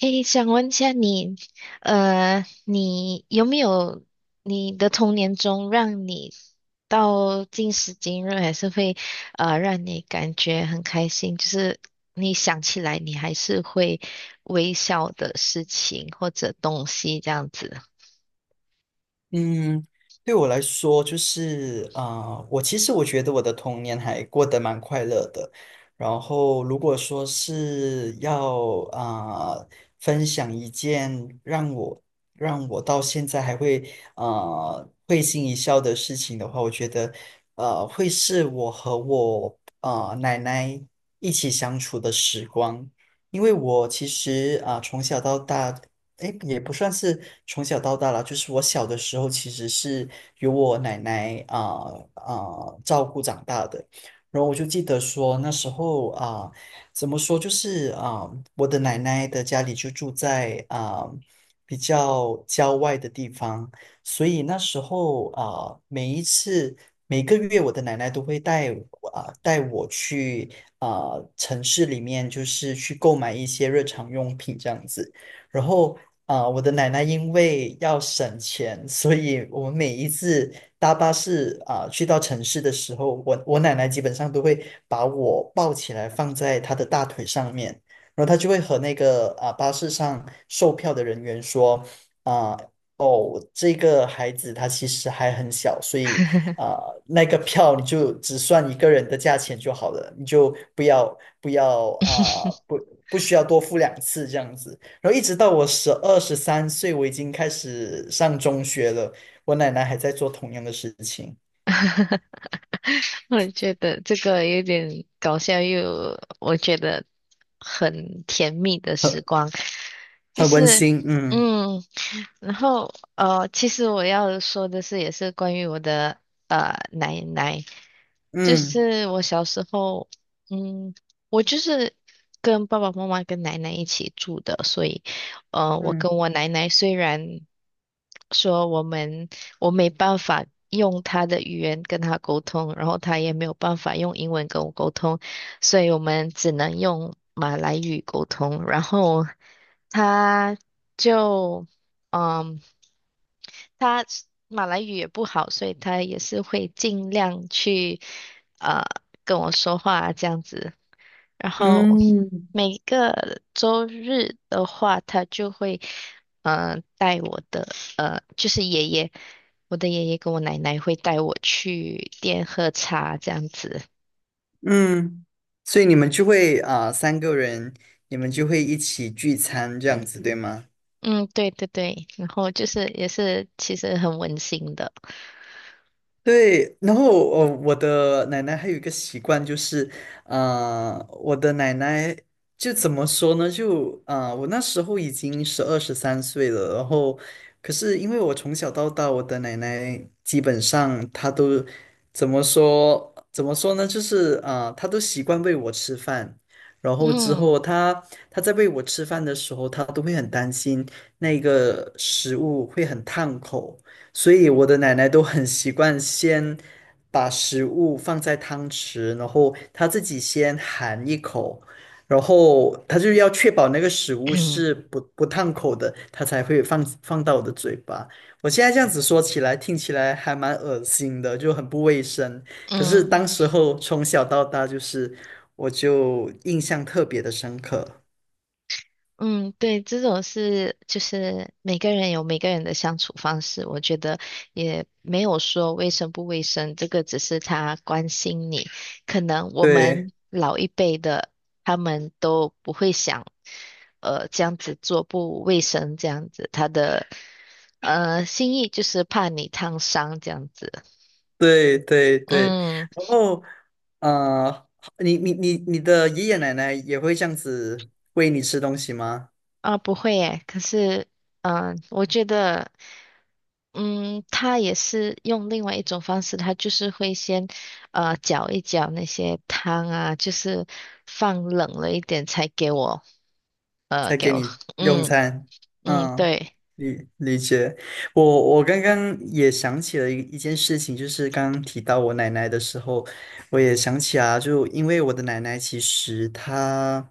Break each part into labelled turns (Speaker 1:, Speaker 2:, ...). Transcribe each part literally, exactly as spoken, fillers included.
Speaker 1: 诶，想问一下你，呃，你有没有你的童年中让你到今时今日还是会呃让你感觉很开心，就是你想起来你还是会微笑的事情或者东西这样子？
Speaker 2: 嗯，对我来说，就是啊、呃我其实我觉得我的童年还过得蛮快乐的。然后，如果说是要啊、呃分享一件让我让我到现在还会啊、呃会心一笑的事情的话，我觉得呃会是我和我啊奶奶一起相处的时光。因为我其实啊、从小到大诶，也不算是从小到大啦，就是我小的时候其实是由我奶奶啊啊、照顾长大的。然后我就记得说那时候啊、怎么说就是啊、我的奶奶的家里就住在啊、比较郊外的地方，所以那时候啊、每一次每个月我的奶奶都会带我啊、带我去啊、城市里面，就是去购买一些日常用品这样子。然后啊、我的奶奶因为要省钱，所以我们每一次搭巴士啊、去到城市的时候，我我奶奶基本上都会把我抱起来放在她的大腿上面，然后她就会和那个啊、巴士上售票的人员说，啊、哦，这个孩子他其实还很小，所以啊、那个票你就只算一个人的价钱就好了，你就不要不要啊、不不需要多付两次这样子。然后一直到我十二十三岁，我已经开始上中学了，我奶奶还在做同样的事情，
Speaker 1: 我觉得这个有点搞笑又有我觉得很甜蜜的时
Speaker 2: 很
Speaker 1: 光，就
Speaker 2: 很温
Speaker 1: 是
Speaker 2: 馨。嗯
Speaker 1: 嗯。然后呃，其实我要说的是，也是关于我的呃奶奶，就
Speaker 2: 嗯
Speaker 1: 是我小时候，嗯，我就是跟爸爸妈妈跟奶奶一起住的，所以呃，我跟
Speaker 2: 嗯
Speaker 1: 我奶奶虽然说我们我没办法用她的语言跟她沟通，然后她也没有办法用英文跟我沟通，所以我们只能用马来语沟通，然后她就。嗯，他是马来语也不好，所以他也是会尽量去呃跟我说话这样子。然后
Speaker 2: 嗯
Speaker 1: 每个周日的话，他就会呃带我的，就是爷爷，我的爷爷跟我奶奶会带我去店喝茶这样子。
Speaker 2: 嗯，所以你们就会啊、三个人，你们就会一起聚餐这样子，对吗？
Speaker 1: 嗯，对对对，然后就是也是其实很温馨的。
Speaker 2: 对，然后哦，我的奶奶还有一个习惯就是，啊，我的奶奶就怎么说呢？就啊、呃我那时候已经十二十三岁了，然后可是因为我从小到大，我的奶奶基本上她都怎么说？怎么说呢？就是啊、呃她都习惯喂我吃饭，然后之
Speaker 1: 嗯
Speaker 2: 后她她在喂我吃饭的时候，她都会很担心那个食物会很烫口。所以我的奶奶都很习惯先把食物放在汤匙，然后她自己先含一口，然后她就要确保那个食物是 不不烫口的，她才会放放到我的嘴巴。我现在这样子说起来，听起来还蛮恶心的，就很不卫生。可是
Speaker 1: 嗯，
Speaker 2: 当时候从小到大，就是我就印象特别的深刻。
Speaker 1: 嗯，对，这种是就是每个人有每个人的相处方式，我觉得也没有说卫生不卫生，这个只是他关心你。可能我
Speaker 2: 对。
Speaker 1: 们老一辈的他们都不会想，呃，这样子做不卫生，这样子他的呃心意就是怕你烫伤这样子。
Speaker 2: 对对对，
Speaker 1: 嗯，
Speaker 2: 然后呃，你你你你的爷爷奶奶也会这样子喂你吃东西吗？
Speaker 1: 啊，不会诶，可是嗯、呃我觉得。嗯，他也是用另外一种方式，他就是会先呃搅一搅那些汤啊，就是放冷了一点才给我呃
Speaker 2: 才
Speaker 1: 给
Speaker 2: 给
Speaker 1: 我
Speaker 2: 你
Speaker 1: 喝。
Speaker 2: 用
Speaker 1: 嗯
Speaker 2: 餐？
Speaker 1: 嗯，
Speaker 2: 嗯，
Speaker 1: 对。
Speaker 2: 理理解。我我刚刚也想起了一一件事情，就是刚刚提到我奶奶的时候，我也想起啊，就因为我的奶奶其实她。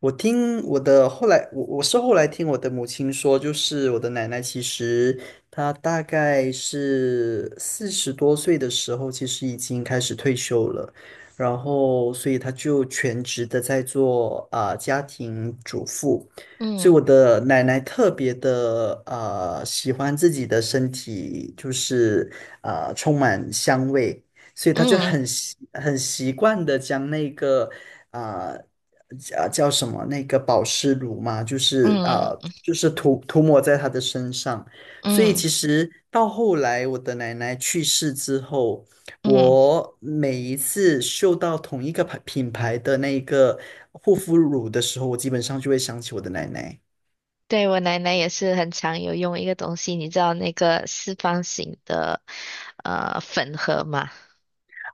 Speaker 2: 我听我的后来，我我是后来听我的母亲说，就是我的奶奶，其实她大概是四十多岁的时候，其实已经开始退休了，然后所以她就全职的在做啊、家庭主妇，所以
Speaker 1: 嗯
Speaker 2: 我的奶奶特别的呃喜欢自己的身体，就是啊充满香味，所以她就很
Speaker 1: 嗯
Speaker 2: 习很习惯的将那个。啊。叫叫什么那个保湿乳嘛，就是啊、呃
Speaker 1: 嗯
Speaker 2: 就是涂涂抹在她的身上。所以
Speaker 1: 嗯
Speaker 2: 其实到后来我的奶奶去世之后，
Speaker 1: 嗯，
Speaker 2: 我每一次嗅到同一个牌品牌的那个护肤乳的时候，我基本上就会想起我的奶奶
Speaker 1: 对我奶奶也是很常有用一个东西，你知道那个四方形的呃粉盒吗？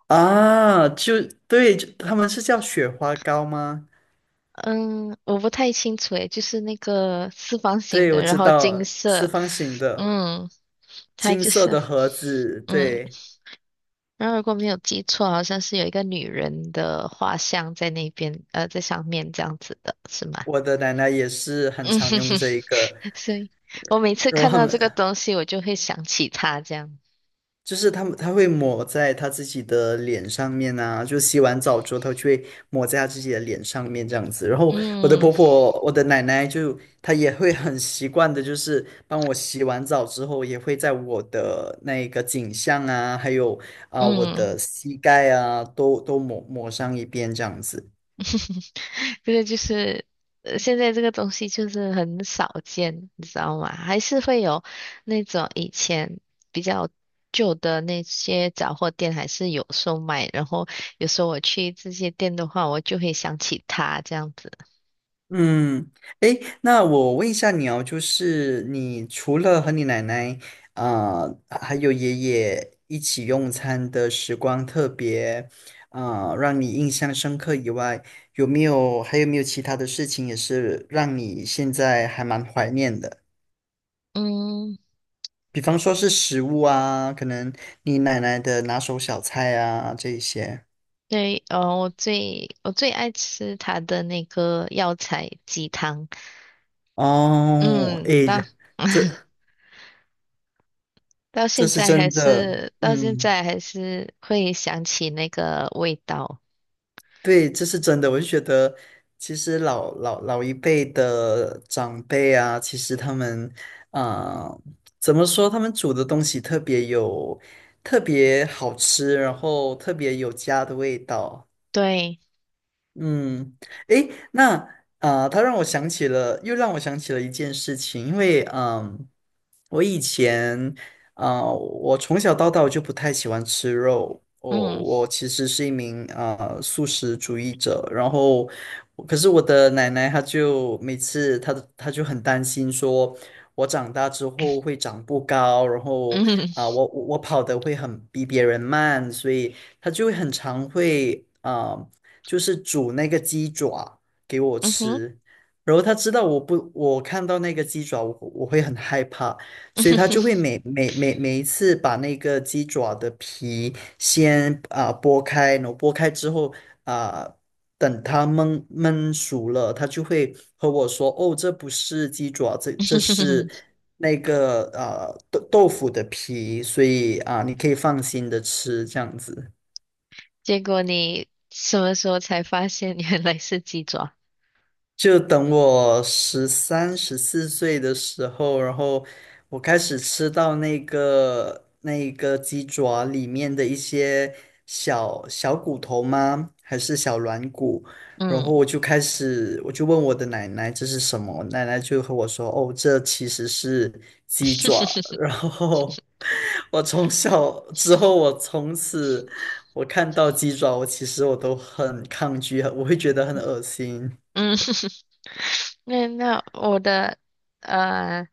Speaker 2: 啊，就对，就他们是叫雪花膏吗？
Speaker 1: 嗯，我不太清楚诶，就是那个四方形
Speaker 2: 对，我
Speaker 1: 的，然
Speaker 2: 知
Speaker 1: 后金
Speaker 2: 道，四
Speaker 1: 色，
Speaker 2: 方形的
Speaker 1: 嗯，它
Speaker 2: 金
Speaker 1: 就
Speaker 2: 色
Speaker 1: 是。
Speaker 2: 的盒子，
Speaker 1: 嗯。
Speaker 2: 对。
Speaker 1: 然后如果没有记错，好像是有一个女人的画像在那边，呃，在上面这样子的，是吗？
Speaker 2: 我的 奶奶也是很
Speaker 1: 嗯
Speaker 2: 常
Speaker 1: 哼
Speaker 2: 用
Speaker 1: 哼，
Speaker 2: 这一个，
Speaker 1: 所以我每次
Speaker 2: 然后
Speaker 1: 看
Speaker 2: 他
Speaker 1: 到
Speaker 2: 们
Speaker 1: 这个东西，我就会想起她这样。
Speaker 2: 就是他们，他会抹在他自己的脸上面啊，就洗完澡之后，他就会抹在他自己的脸上面这样子。然后我的
Speaker 1: 嗯
Speaker 2: 婆婆，我的奶奶就她也会很习惯的，就是帮我洗完澡之后，也会在我的那个颈项啊，还有啊、我的
Speaker 1: 嗯。
Speaker 2: 膝盖啊，都都抹抹上一遍这样子。
Speaker 1: 这个就是，呃，现在这个东西就是很少见，你知道吗？还是会有那种以前比较旧的那些杂货店还是有售卖，然后有时候我去这些店的话，我就会想起它这样。
Speaker 2: 嗯，诶，那我问一下你哦，就是你除了和你奶奶啊、呃还有爷爷一起用餐的时光特别啊、呃让你印象深刻以外，有没有还有没有其他的事情也是让你现在还蛮怀念的？
Speaker 1: 嗯，
Speaker 2: 比方说是食物啊，可能你奶奶的拿手小菜啊这一些。
Speaker 1: 对，哦，我最我最爱吃它的那个药材鸡汤，
Speaker 2: 哦，
Speaker 1: 嗯，
Speaker 2: 诶，
Speaker 1: 到
Speaker 2: 这
Speaker 1: 到
Speaker 2: 这
Speaker 1: 现
Speaker 2: 是
Speaker 1: 在还
Speaker 2: 真的，
Speaker 1: 是到现
Speaker 2: 嗯。
Speaker 1: 在还是会想起那个味道，
Speaker 2: 对，这是真的。我就觉得，其实老老老一辈的长辈啊，其实他们，啊、怎么说？他们煮的东西特别有，特别好吃，然后特别有家的味道。
Speaker 1: 对。
Speaker 2: 嗯，诶，那啊、呃，他让我想起了，又让我想起了一件事情，因为嗯，我以前啊、呃我从小到大我就不太喜欢吃肉，我
Speaker 1: 嗯
Speaker 2: 我其实是一名啊、呃素食主义者，然后可是我的奶奶她就每次她她就很担心说，我长大之后会长不高，然后
Speaker 1: 嗯，
Speaker 2: 啊、我我我跑得会很比别人慢，所以她就会很常会啊。呃就是煮那个鸡爪给我
Speaker 1: 嗯哼。
Speaker 2: 吃。然后他知道我不，我看到那个鸡爪，我我会很害怕，所以他就会每每每每一次把那个鸡爪的皮先啊、剥开，然后剥开之后啊、等它焖焖熟了，他就会和我说：“哦，这不是鸡爪，这这是 那个啊、豆豆腐的皮，所以啊、你可以放心的吃这样子。”
Speaker 1: 结果你什么时候才发现原来是鸡爪？
Speaker 2: 就等我十三、十四岁的时候，然后我开始吃到那个那个鸡爪里面的一些小小骨头吗？还是小软骨？然
Speaker 1: 嗯。
Speaker 2: 后我就开始，我就问我的奶奶这是什么，奶奶就和我说：“哦，这其实是鸡爪。然后我从小之后，我从此我看到鸡爪，我其实我都很抗拒，我会觉得很恶心。
Speaker 1: 嗯。那那我的呃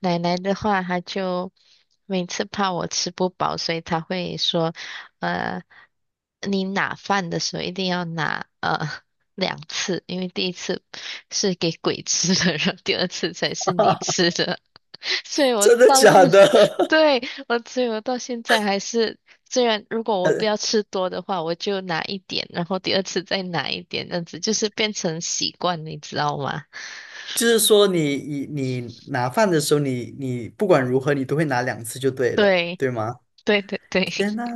Speaker 1: 奶奶的话，她就每次怕我吃不饱，所以她会说，呃，你拿饭的时候一定要拿两次，因为第一次是给鬼吃的，然后第二次才是你 吃的。所以我
Speaker 2: 真的
Speaker 1: 到，
Speaker 2: 假 的？
Speaker 1: 对，我，所以我到现在还是，虽然如果 我不
Speaker 2: 呃，
Speaker 1: 要吃多的话，我就拿一点，然后第二次再拿一点，这样子就是变成习惯，你知道吗？
Speaker 2: 就是说你你你拿饭的时候，你你不管如何，你都会拿两次就对了，
Speaker 1: 对，
Speaker 2: 对吗？
Speaker 1: 对对对。
Speaker 2: 天呐，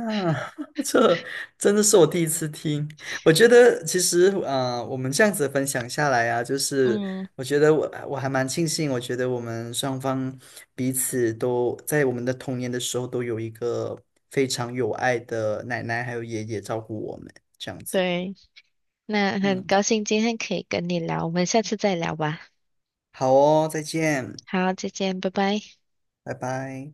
Speaker 2: 这真的是我第一次听。我觉得其实啊、呃我们这样子分享下来啊，就是
Speaker 1: 嗯，
Speaker 2: 我觉得我我还蛮庆幸，我觉得我们双方彼此都在我们的童年的时候都有一个非常有爱的奶奶还有爷爷照顾我们，这样子。
Speaker 1: 对，那很
Speaker 2: 嗯，
Speaker 1: 高兴今天可以跟你聊，我们下次再聊吧。
Speaker 2: 好哦，再见，
Speaker 1: 好，再见，拜拜。
Speaker 2: 拜拜。